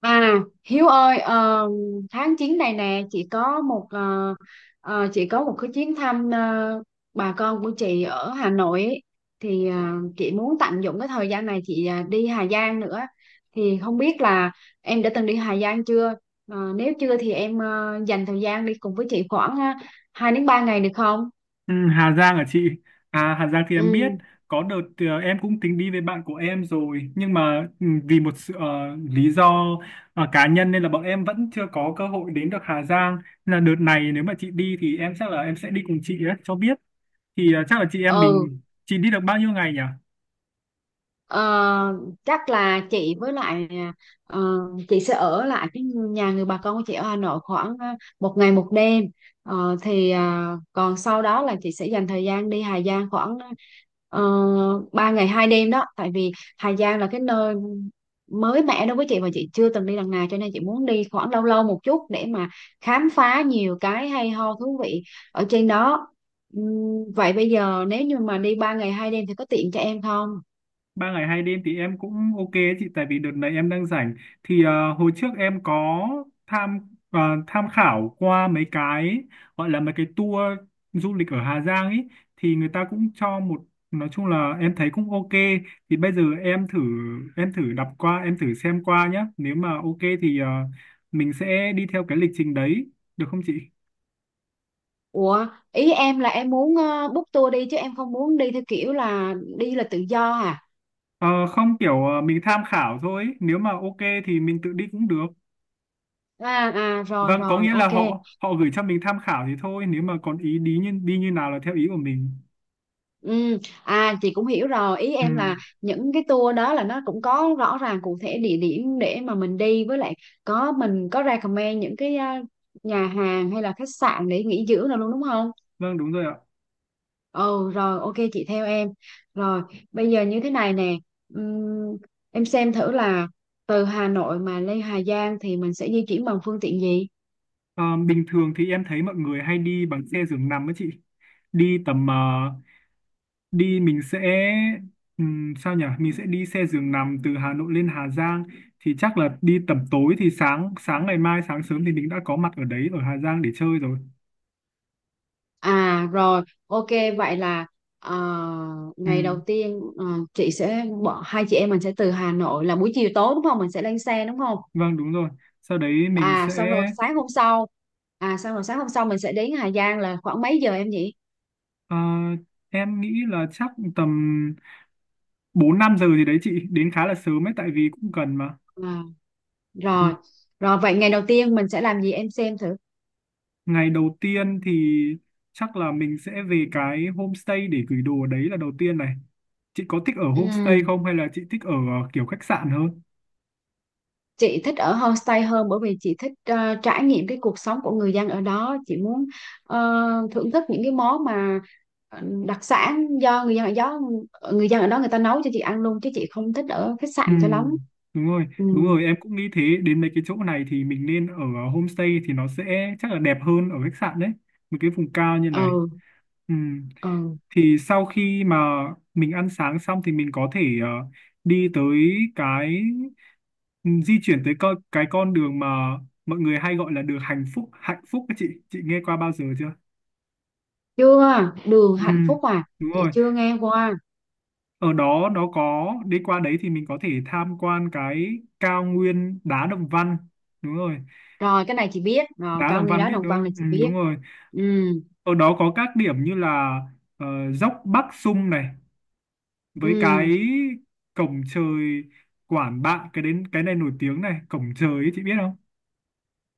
À, Hiếu ơi, tháng 9 này nè, chị có một chị có một cái chuyến thăm bà con của chị ở Hà Nội ấy. Thì chị muốn tận dụng cái thời gian này chị đi Hà Giang nữa. Thì không biết là em đã từng đi Hà Giang chưa? Nếu chưa thì em dành thời gian đi cùng với chị khoảng 2 đến ba ngày được không? Ừ, Hà Giang hả chị? À, Hà Giang thì em biết. Ừ, Có đợt em cũng tính đi với bạn của em rồi. Nhưng mà vì một sự lý do cá nhân nên là bọn em vẫn chưa có cơ hội đến được Hà Giang. Nên là đợt này nếu mà chị đi thì em chắc là em sẽ đi cùng chị ấy, cho biết. Thì chắc là chị em ừ. mình... Chị đi được bao nhiêu ngày nhỉ? Ờ, Chắc là chị với lại ờ, chị sẽ ở lại cái nhà người bà con của chị ở Hà Nội khoảng một ngày một đêm. Còn sau đó là chị sẽ dành thời gian đi Hà Giang khoảng 3 ngày hai đêm đó tại vì Hà Giang là cái nơi mới mẻ đối với chị và chị chưa từng đi lần nào cho nên chị muốn đi khoảng lâu lâu một chút để mà khám phá nhiều cái hay ho thú vị ở trên đó. Vậy bây giờ nếu như mà đi 3 ngày 2 đêm thì có tiện cho em không? 3 ngày 2 đêm thì em cũng ok ấy chị, tại vì đợt này em đang rảnh. Thì hồi trước em có tham ờ, tham khảo qua mấy cái, gọi là mấy cái tour du lịch ở Hà Giang ấy. Thì người ta cũng cho một, nói chung là em thấy cũng ok. Thì bây giờ em thử đọc qua, em thử xem qua nhá, nếu mà ok thì mình sẽ đi theo cái lịch trình đấy, được không chị? Ủa, ý em là em muốn book tour đi chứ em không muốn đi theo kiểu là đi là tự do à? Ờ, không, kiểu mình tham khảo thôi, nếu mà ok thì mình tự đi cũng được. À, rồi Vâng, có rồi nghĩa là ok. họ họ gửi cho mình tham khảo thì thôi, nếu mà còn ý đi như nào là theo ý của mình. Ừ, à chị cũng hiểu rồi, ý Ừ, em là những cái tour đó là nó cũng có rõ ràng cụ thể địa điểm để mà mình đi với lại mình có recommend những cái nhà hàng hay là khách sạn để nghỉ dưỡng nào luôn đúng không? vâng đúng rồi ạ. Ừ rồi ok chị theo em. Rồi bây giờ như thế này nè. Ừm, em xem thử là từ Hà Nội mà lên Hà Giang thì mình sẽ di chuyển bằng phương tiện gì. Ờ, bình thường thì em thấy mọi người hay đi bằng xe giường nằm ấy chị. Đi tầm đi mình sẽ sao nhỉ? Mình sẽ đi xe giường nằm từ Hà Nội lên Hà Giang, thì chắc là đi tầm tối thì sáng sáng ngày mai, sáng sớm thì mình đã có mặt ở đấy, ở Hà Giang để chơi rồi. À rồi ok. Vậy là ờ, ngày đầu Ừm, tiên, chị sẽ bỏ hai chị em mình sẽ từ Hà Nội là buổi chiều tối đúng không, mình sẽ lên xe đúng không? vâng đúng rồi. Sau đấy mình À sẽ... xong rồi sáng hôm sau À xong rồi sáng hôm sau mình sẽ đến Hà Giang là khoảng mấy giờ em nhỉ? Ờ, em nghĩ là chắc tầm 4 5 giờ gì đấy chị, đến khá là sớm ấy, tại vì cũng gần mà. À, Ừ. rồi. Rồi vậy ngày đầu tiên mình sẽ làm gì em xem thử. Ngày đầu tiên thì chắc là mình sẽ về cái homestay để gửi đồ đấy, là đầu tiên này. Chị có thích ở homestay Ừ, không hay là chị thích ở kiểu khách sạn hơn? chị thích ở homestay hơn bởi vì chị thích trải nghiệm cái cuộc sống của người dân ở đó, chị muốn ờ, thưởng thức những cái món mà ờ, đặc sản do người dân ở đó người ta nấu cho chị ăn luôn chứ chị không thích ở khách Ừ, sạn cho lắm. Ừ, đúng rồi, em cũng nghĩ thế, đến mấy cái chỗ này thì mình nên ở homestay, thì nó sẽ chắc là đẹp hơn ở khách sạn đấy, một cái vùng cao như này. ừ, Ừ. ừ. Thì sau khi mà mình ăn sáng xong thì mình có thể đi tới cái ừ, di chuyển tới cái con đường mà mọi người hay gọi là đường hạnh phúc, các chị nghe qua bao giờ chưa? Chưa, đường Ừ, hạnh phúc à? đúng Chị rồi. chưa nghe qua. Ở đó nó có đi qua đấy thì mình có thể tham quan cái cao nguyên đá Đồng Văn, đúng rồi, Rồi, cái này chị biết rồi, đá cao Đồng nguyên Văn đá biết Đồng đúng Văn là không? Ừ, chị biết. đúng rồi. Ừ, Ở đó có các điểm như là dốc Bắc Sung này, với cái ừ, cổng trời Quản Bạ, cái đến cái này nổi tiếng này, cổng trời ấy, chị biết không?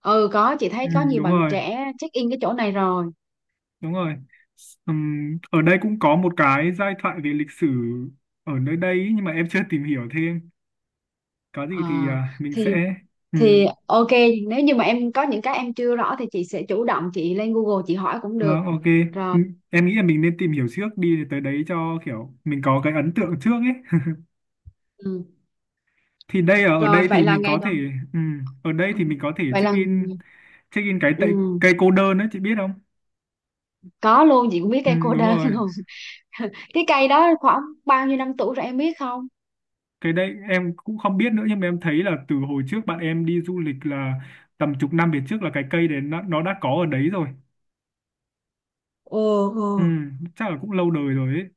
ừ, có, chị thấy Ừ, có nhiều đúng bạn rồi, trẻ check in cái chỗ này rồi. đúng rồi. Ở đây cũng có một cái giai thoại về lịch sử ở nơi đây ý, nhưng mà em chưa tìm hiểu thêm, có Ờ gì thì à, mình thì sẽ... thì Ừm, ok, nếu như mà em có những cái em chưa rõ thì chị sẽ chủ động chị lên Google chị hỏi cũng được. vâng ok. Rồi. Ừm, em nghĩ là mình nên tìm hiểu trước đi để tới đấy cho kiểu mình có cái ấn tượng trước ấy Ừ. thì đây, ở ở Rồi đây vậy thì là mình ngày có đầu. thể... ở đây Ừ. thì mình có thể Vậy là check in cái tại ừ. cây cô đơn đấy, chị biết không? Có luôn, chị cũng biết Ừ, cây cô đúng đơn rồi. luôn. Cái cây đó khoảng bao nhiêu năm tuổi rồi em biết không? Cái đấy em cũng không biết nữa, nhưng mà em thấy là từ hồi trước bạn em đi du lịch là tầm chục năm về trước, là cái cây đấy nó đã có ở đấy rồi. Ồ, Ừ, ồ. chắc là cũng lâu đời rồi ấy.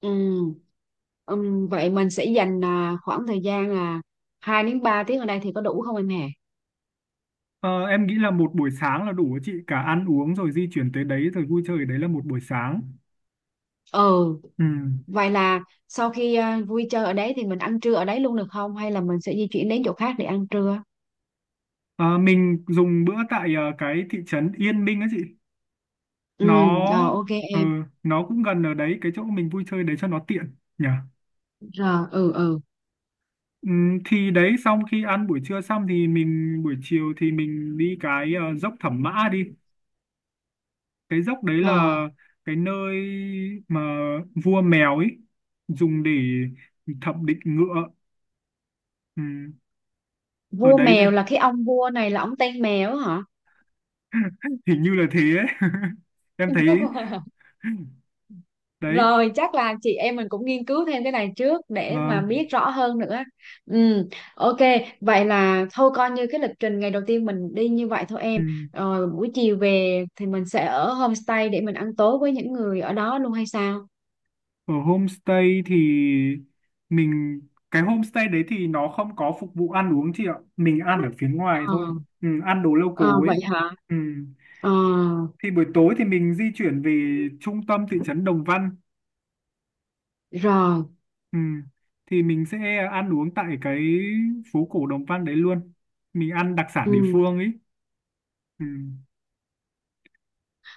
Ừ. Vậy mình sẽ dành khoảng thời gian là 2 đến 3 tiếng ở đây thì có đủ không em hè? Ờ, em nghĩ là một buổi sáng là đủ ấy chị, cả ăn uống rồi di chuyển tới đấy rồi vui chơi ở đấy là một buổi sáng. Ừ, Ừ. vậy là sau khi vui chơi ở đấy thì mình ăn trưa ở đấy luôn được không hay là mình sẽ di chuyển đến chỗ khác để ăn trưa? Ờ, mình dùng bữa tại cái thị trấn Yên Minh á chị, Ừ, rồi nó ok ờ, em. nó cũng gần ở đấy, cái chỗ mình vui chơi đấy cho nó tiện nhỉ. Rồi, ừ, ừ. Ừ, thì đấy, xong khi ăn buổi trưa xong thì mình, buổi chiều thì mình đi cái dốc Thẩm Mã đi, cái dốc đấy Rồi. là cái nơi mà vua mèo ấy dùng để thẩm định ngựa, ừ, ở Vua đấy thôi, mèo là cái ông vua này là ông tên mèo hả? hình như là thế ấy. Em thấy đấy Rồi chắc là chị em mình cũng nghiên cứu thêm cái này trước để mà và biết rõ hơn nữa. Ừ, ok, vậy là thôi coi như cái lịch trình ngày đầu tiên mình đi như vậy thôi em. ừ. Rồi buổi chiều về thì mình sẽ ở homestay để mình ăn tối với những người ở đó luôn hay sao? Ở homestay thì mình, cái homestay đấy thì nó không có phục vụ ăn uống chị ạ, mình ăn ở phía ngoài Ờ. thôi, ừ, ăn đồ Ờ local vậy ấy. hả? Ừ. Ờ. Thì buổi tối thì mình di chuyển về trung tâm thị trấn Đồng Văn. Rồi. Ừ. Thì mình sẽ ăn uống tại cái phố cổ Đồng Văn đấy luôn, mình ăn đặc sản địa Ừ. phương ấy. Ừ.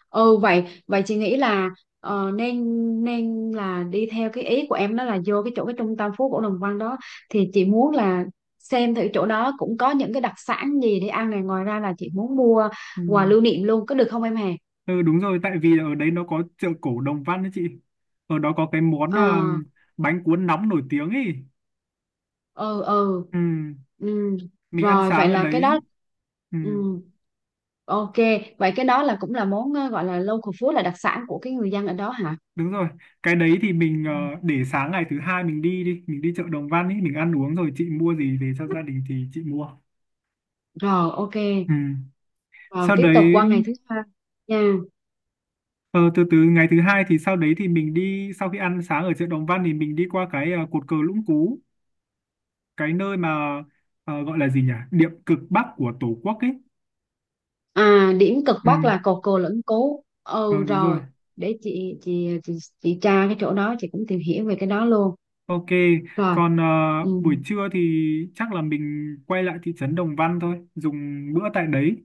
Ừ vậy vậy chị nghĩ là nên nên là đi theo cái ý của em, đó là vô cái chỗ cái trung tâm phố cổ Đồng Văn đó thì chị muốn là xem thử chỗ đó cũng có những cái đặc sản gì để ăn này, ngoài ra là chị muốn mua Ừ. quà lưu niệm luôn có được không em hè? Ừ đúng rồi, tại vì ở đấy nó có chợ cổ Đồng Văn đấy chị, ở đó có cái món Ờ, bánh cuốn nóng nổi tiếng ấy. ừ, ừ, Ừ, ừ. mình ăn Rồi sáng vậy ở là cái đấy. đó. Ừ, Ừ, ok, vậy cái đó là cũng là món gọi là local food là đặc sản của cái người dân ở đó hả? đúng rồi, cái đấy thì mình để sáng ngày thứ hai mình đi chợ Đồng Văn ấy, mình ăn uống rồi chị mua gì về cho gia đình thì chị mua. Rồi ok. Ừ, Rồi sau tiếp tục đấy. qua ngày thứ hai nha. Ờ, từ từ, ngày thứ hai thì sau đấy thì mình đi, sau khi ăn sáng ở chợ Đồng Văn thì mình đi qua cái cột cờ Lũng Cú, cái nơi mà gọi là gì nhỉ, điểm cực bắc của Tổ quốc ấy. À, điểm cực Ừ, bắc là cột cờ Lẫn Cú. Ừ vâng đúng rồi. rồi, để chị, chị tra cái chỗ đó chị cũng tìm hiểu về cái đó luôn. Ok. Rồi. Còn Ừ. buổi trưa thì chắc là mình quay lại thị trấn Đồng Văn thôi, dùng bữa tại đấy,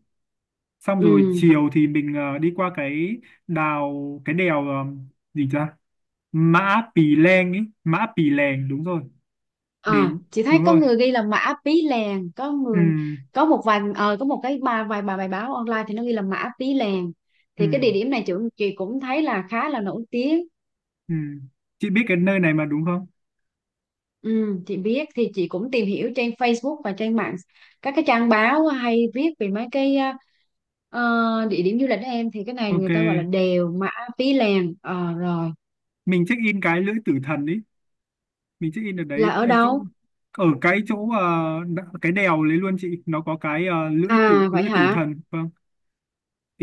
xong rồi Ừ. chiều thì mình đi qua cái đèo, gì ta, Mã Pì Lèng ấy, Mã Pì Lèng đúng rồi, À, đến chị thấy đúng có rồi, người ghi là Mã Pí Lèng, có ừ, người có một vài có một cái bài vài bài bài báo online thì nó ghi là Mã Pí Lèng. ừ. Thì cái địa điểm này chị cũng thấy là khá là nổi tiếng. Ừ. Chị biết cái nơi này mà đúng không? Ừ, chị biết thì chị cũng tìm hiểu trên Facebook và trên mạng các cái trang báo hay viết về mấy cái ờ, địa điểm du lịch đó em thì cái này Ok, người ta gọi là đèo Mã Pí Lèng. Ờ, rồi. mình check in cái lưỡi tử thần đi. Mình check in ở đấy Là ở em, chỗ đâu? ở cái chỗ cái đèo đấy luôn chị, nó có cái À vậy lưỡi tử hả? thần. Vâng,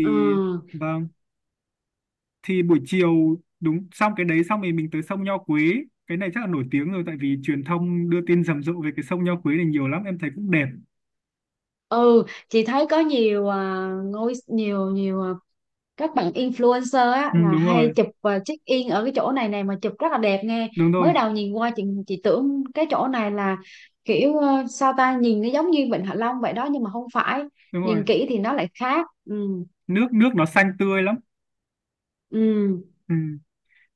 Ờ. vâng, buổi chiều, đúng, xong cái đấy xong thì mình tới sông Nho Quế. Cái này chắc là nổi tiếng rồi, tại vì truyền thông đưa tin rầm rộ về cái sông Nho Quế này nhiều lắm, em thấy cũng đẹp. Ừ chị thấy có nhiều à, ngôi nhiều nhiều à, các bạn influencer á Ừ, là đúng hay rồi, chụp và check in ở cái chỗ này này mà chụp rất là đẹp nghe. đúng Mới rồi, đầu nhìn qua chị tưởng cái chỗ này là kiểu sao ta, nhìn nó giống như Vịnh Hạ Long vậy đó nhưng mà không phải, đúng rồi. nhìn kỹ thì nó lại khác. Ừ, Nước nước nó xanh tươi lắm. ừ, Ừ.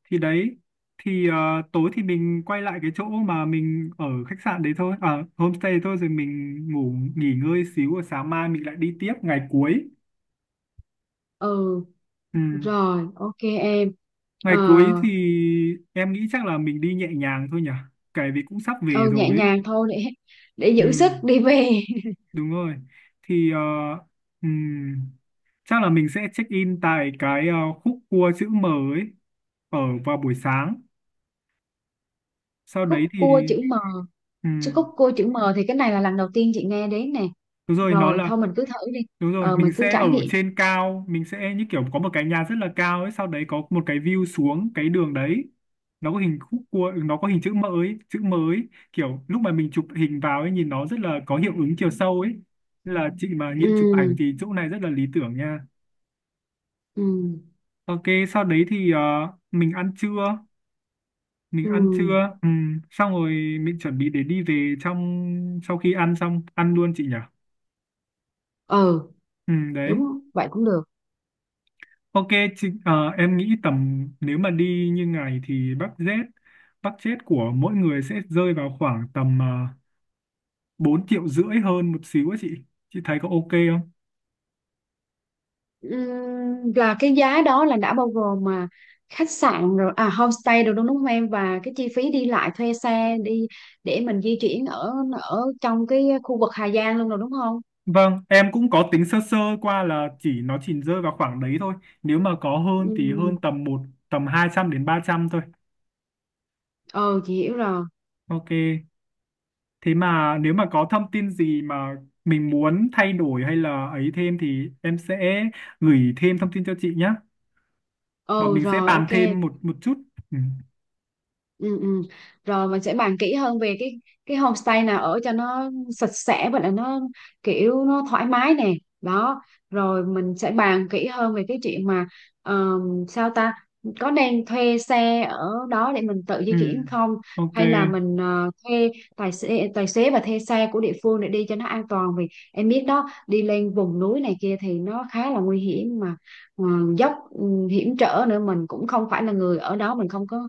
Thì đấy, thì tối thì mình quay lại cái chỗ mà mình ở khách sạn đấy thôi, à, homestay thôi, rồi mình ngủ nghỉ ngơi xíu rồi sáng mai mình lại đi tiếp ngày cuối. ừ. Ừ. Rồi ok em. Ờ, Ngày cuối thì em nghĩ chắc là mình đi nhẹ nhàng thôi nhỉ, kể vì cũng sắp về ừ nhẹ rồi ấy. nhàng thôi để Ừ. giữ sức đi về. Đúng rồi, thì ừ. chắc là mình sẽ check in tại cái khúc cua chữ M ấy, ở vào buổi sáng, sau đấy Khúc cua thì chữ M? ừ. Chứ khúc cua chữ M thì cái này là lần đầu tiên chị nghe đến nè. đúng rồi, nó Rồi là... thôi mình cứ thử đi. Đúng rồi, Ờ mình mình cứ sẽ ở trải nghiệm. trên cao, mình sẽ như kiểu có một cái nhà rất là cao ấy, sau đấy có một cái view xuống cái đường đấy. Nó có hình khúc cua, nó có hình chữ M ấy, kiểu lúc mà mình chụp hình vào ấy nhìn nó rất là có hiệu ứng chiều sâu ấy. Nên là chị mà hiện chụp ảnh Ừ. thì chỗ này rất là lý tưởng nha. Ừ. Ok, sau đấy thì mình ăn trưa, mình Ừ, ăn trưa, xong rồi mình chuẩn bị để đi về trong, sau khi ăn xong, ăn luôn chị nhỉ? ờ Ừ, đấy. đúng vậy cũng được. Ok, chị, em nghĩ tầm, nếu mà đi như ngày thì budget budget của mỗi người sẽ rơi vào khoảng tầm uh, 4 triệu rưỡi hơn một xíu á chị. Chị thấy có ok không? Là cái giá đó là đã bao gồm mà khách sạn rồi à homestay rồi đúng đúng không em, và cái chi phí đi lại thuê xe đi để mình di chuyển ở ở trong cái khu vực Hà Giang luôn rồi đúng không? Vâng, em cũng có tính sơ sơ qua là nó chỉ rơi vào khoảng đấy thôi. Nếu mà có hơn thì Ừm, hơn tầm 200 đến 300 thôi. ờ chị hiểu rồi. Ok. Thế mà nếu mà có thông tin gì mà mình muốn thay đổi hay là ấy thêm thì em sẽ gửi thêm thông tin cho chị nhé. Bọn Ờ mình sẽ rồi bàn ok. thêm một một chút. Ừ. Ừ, ừ. Rồi mình sẽ bàn kỹ hơn về cái homestay nào ở cho nó sạch sẽ và là nó kiểu nó thoải mái nè đó. Rồi mình sẽ bàn kỹ hơn về cái chuyện mà sao ta có nên thuê xe ở đó để mình tự Ừ, di chuyển không, ok. hay là mình thuê tài xế và thuê xe của địa phương để đi cho nó an toàn, vì em biết đó đi lên vùng núi này kia thì nó khá là nguy hiểm mà, ờ, dốc hiểm trở nữa, mình cũng không phải là người ở đó, mình không có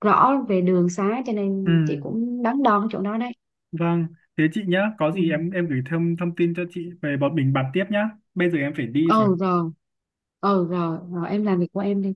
rõ về đường xá cho Ừ, nên chị cũng đắn đo cái chỗ đó đấy. vâng. Thế chị nhá, có Ừ. gì em gửi thêm thông tin cho chị về bọn mình bàn tiếp nhá. Bây giờ em phải đi rồi. Ừ rồi. Ừ rồi rồi em làm việc của em đi.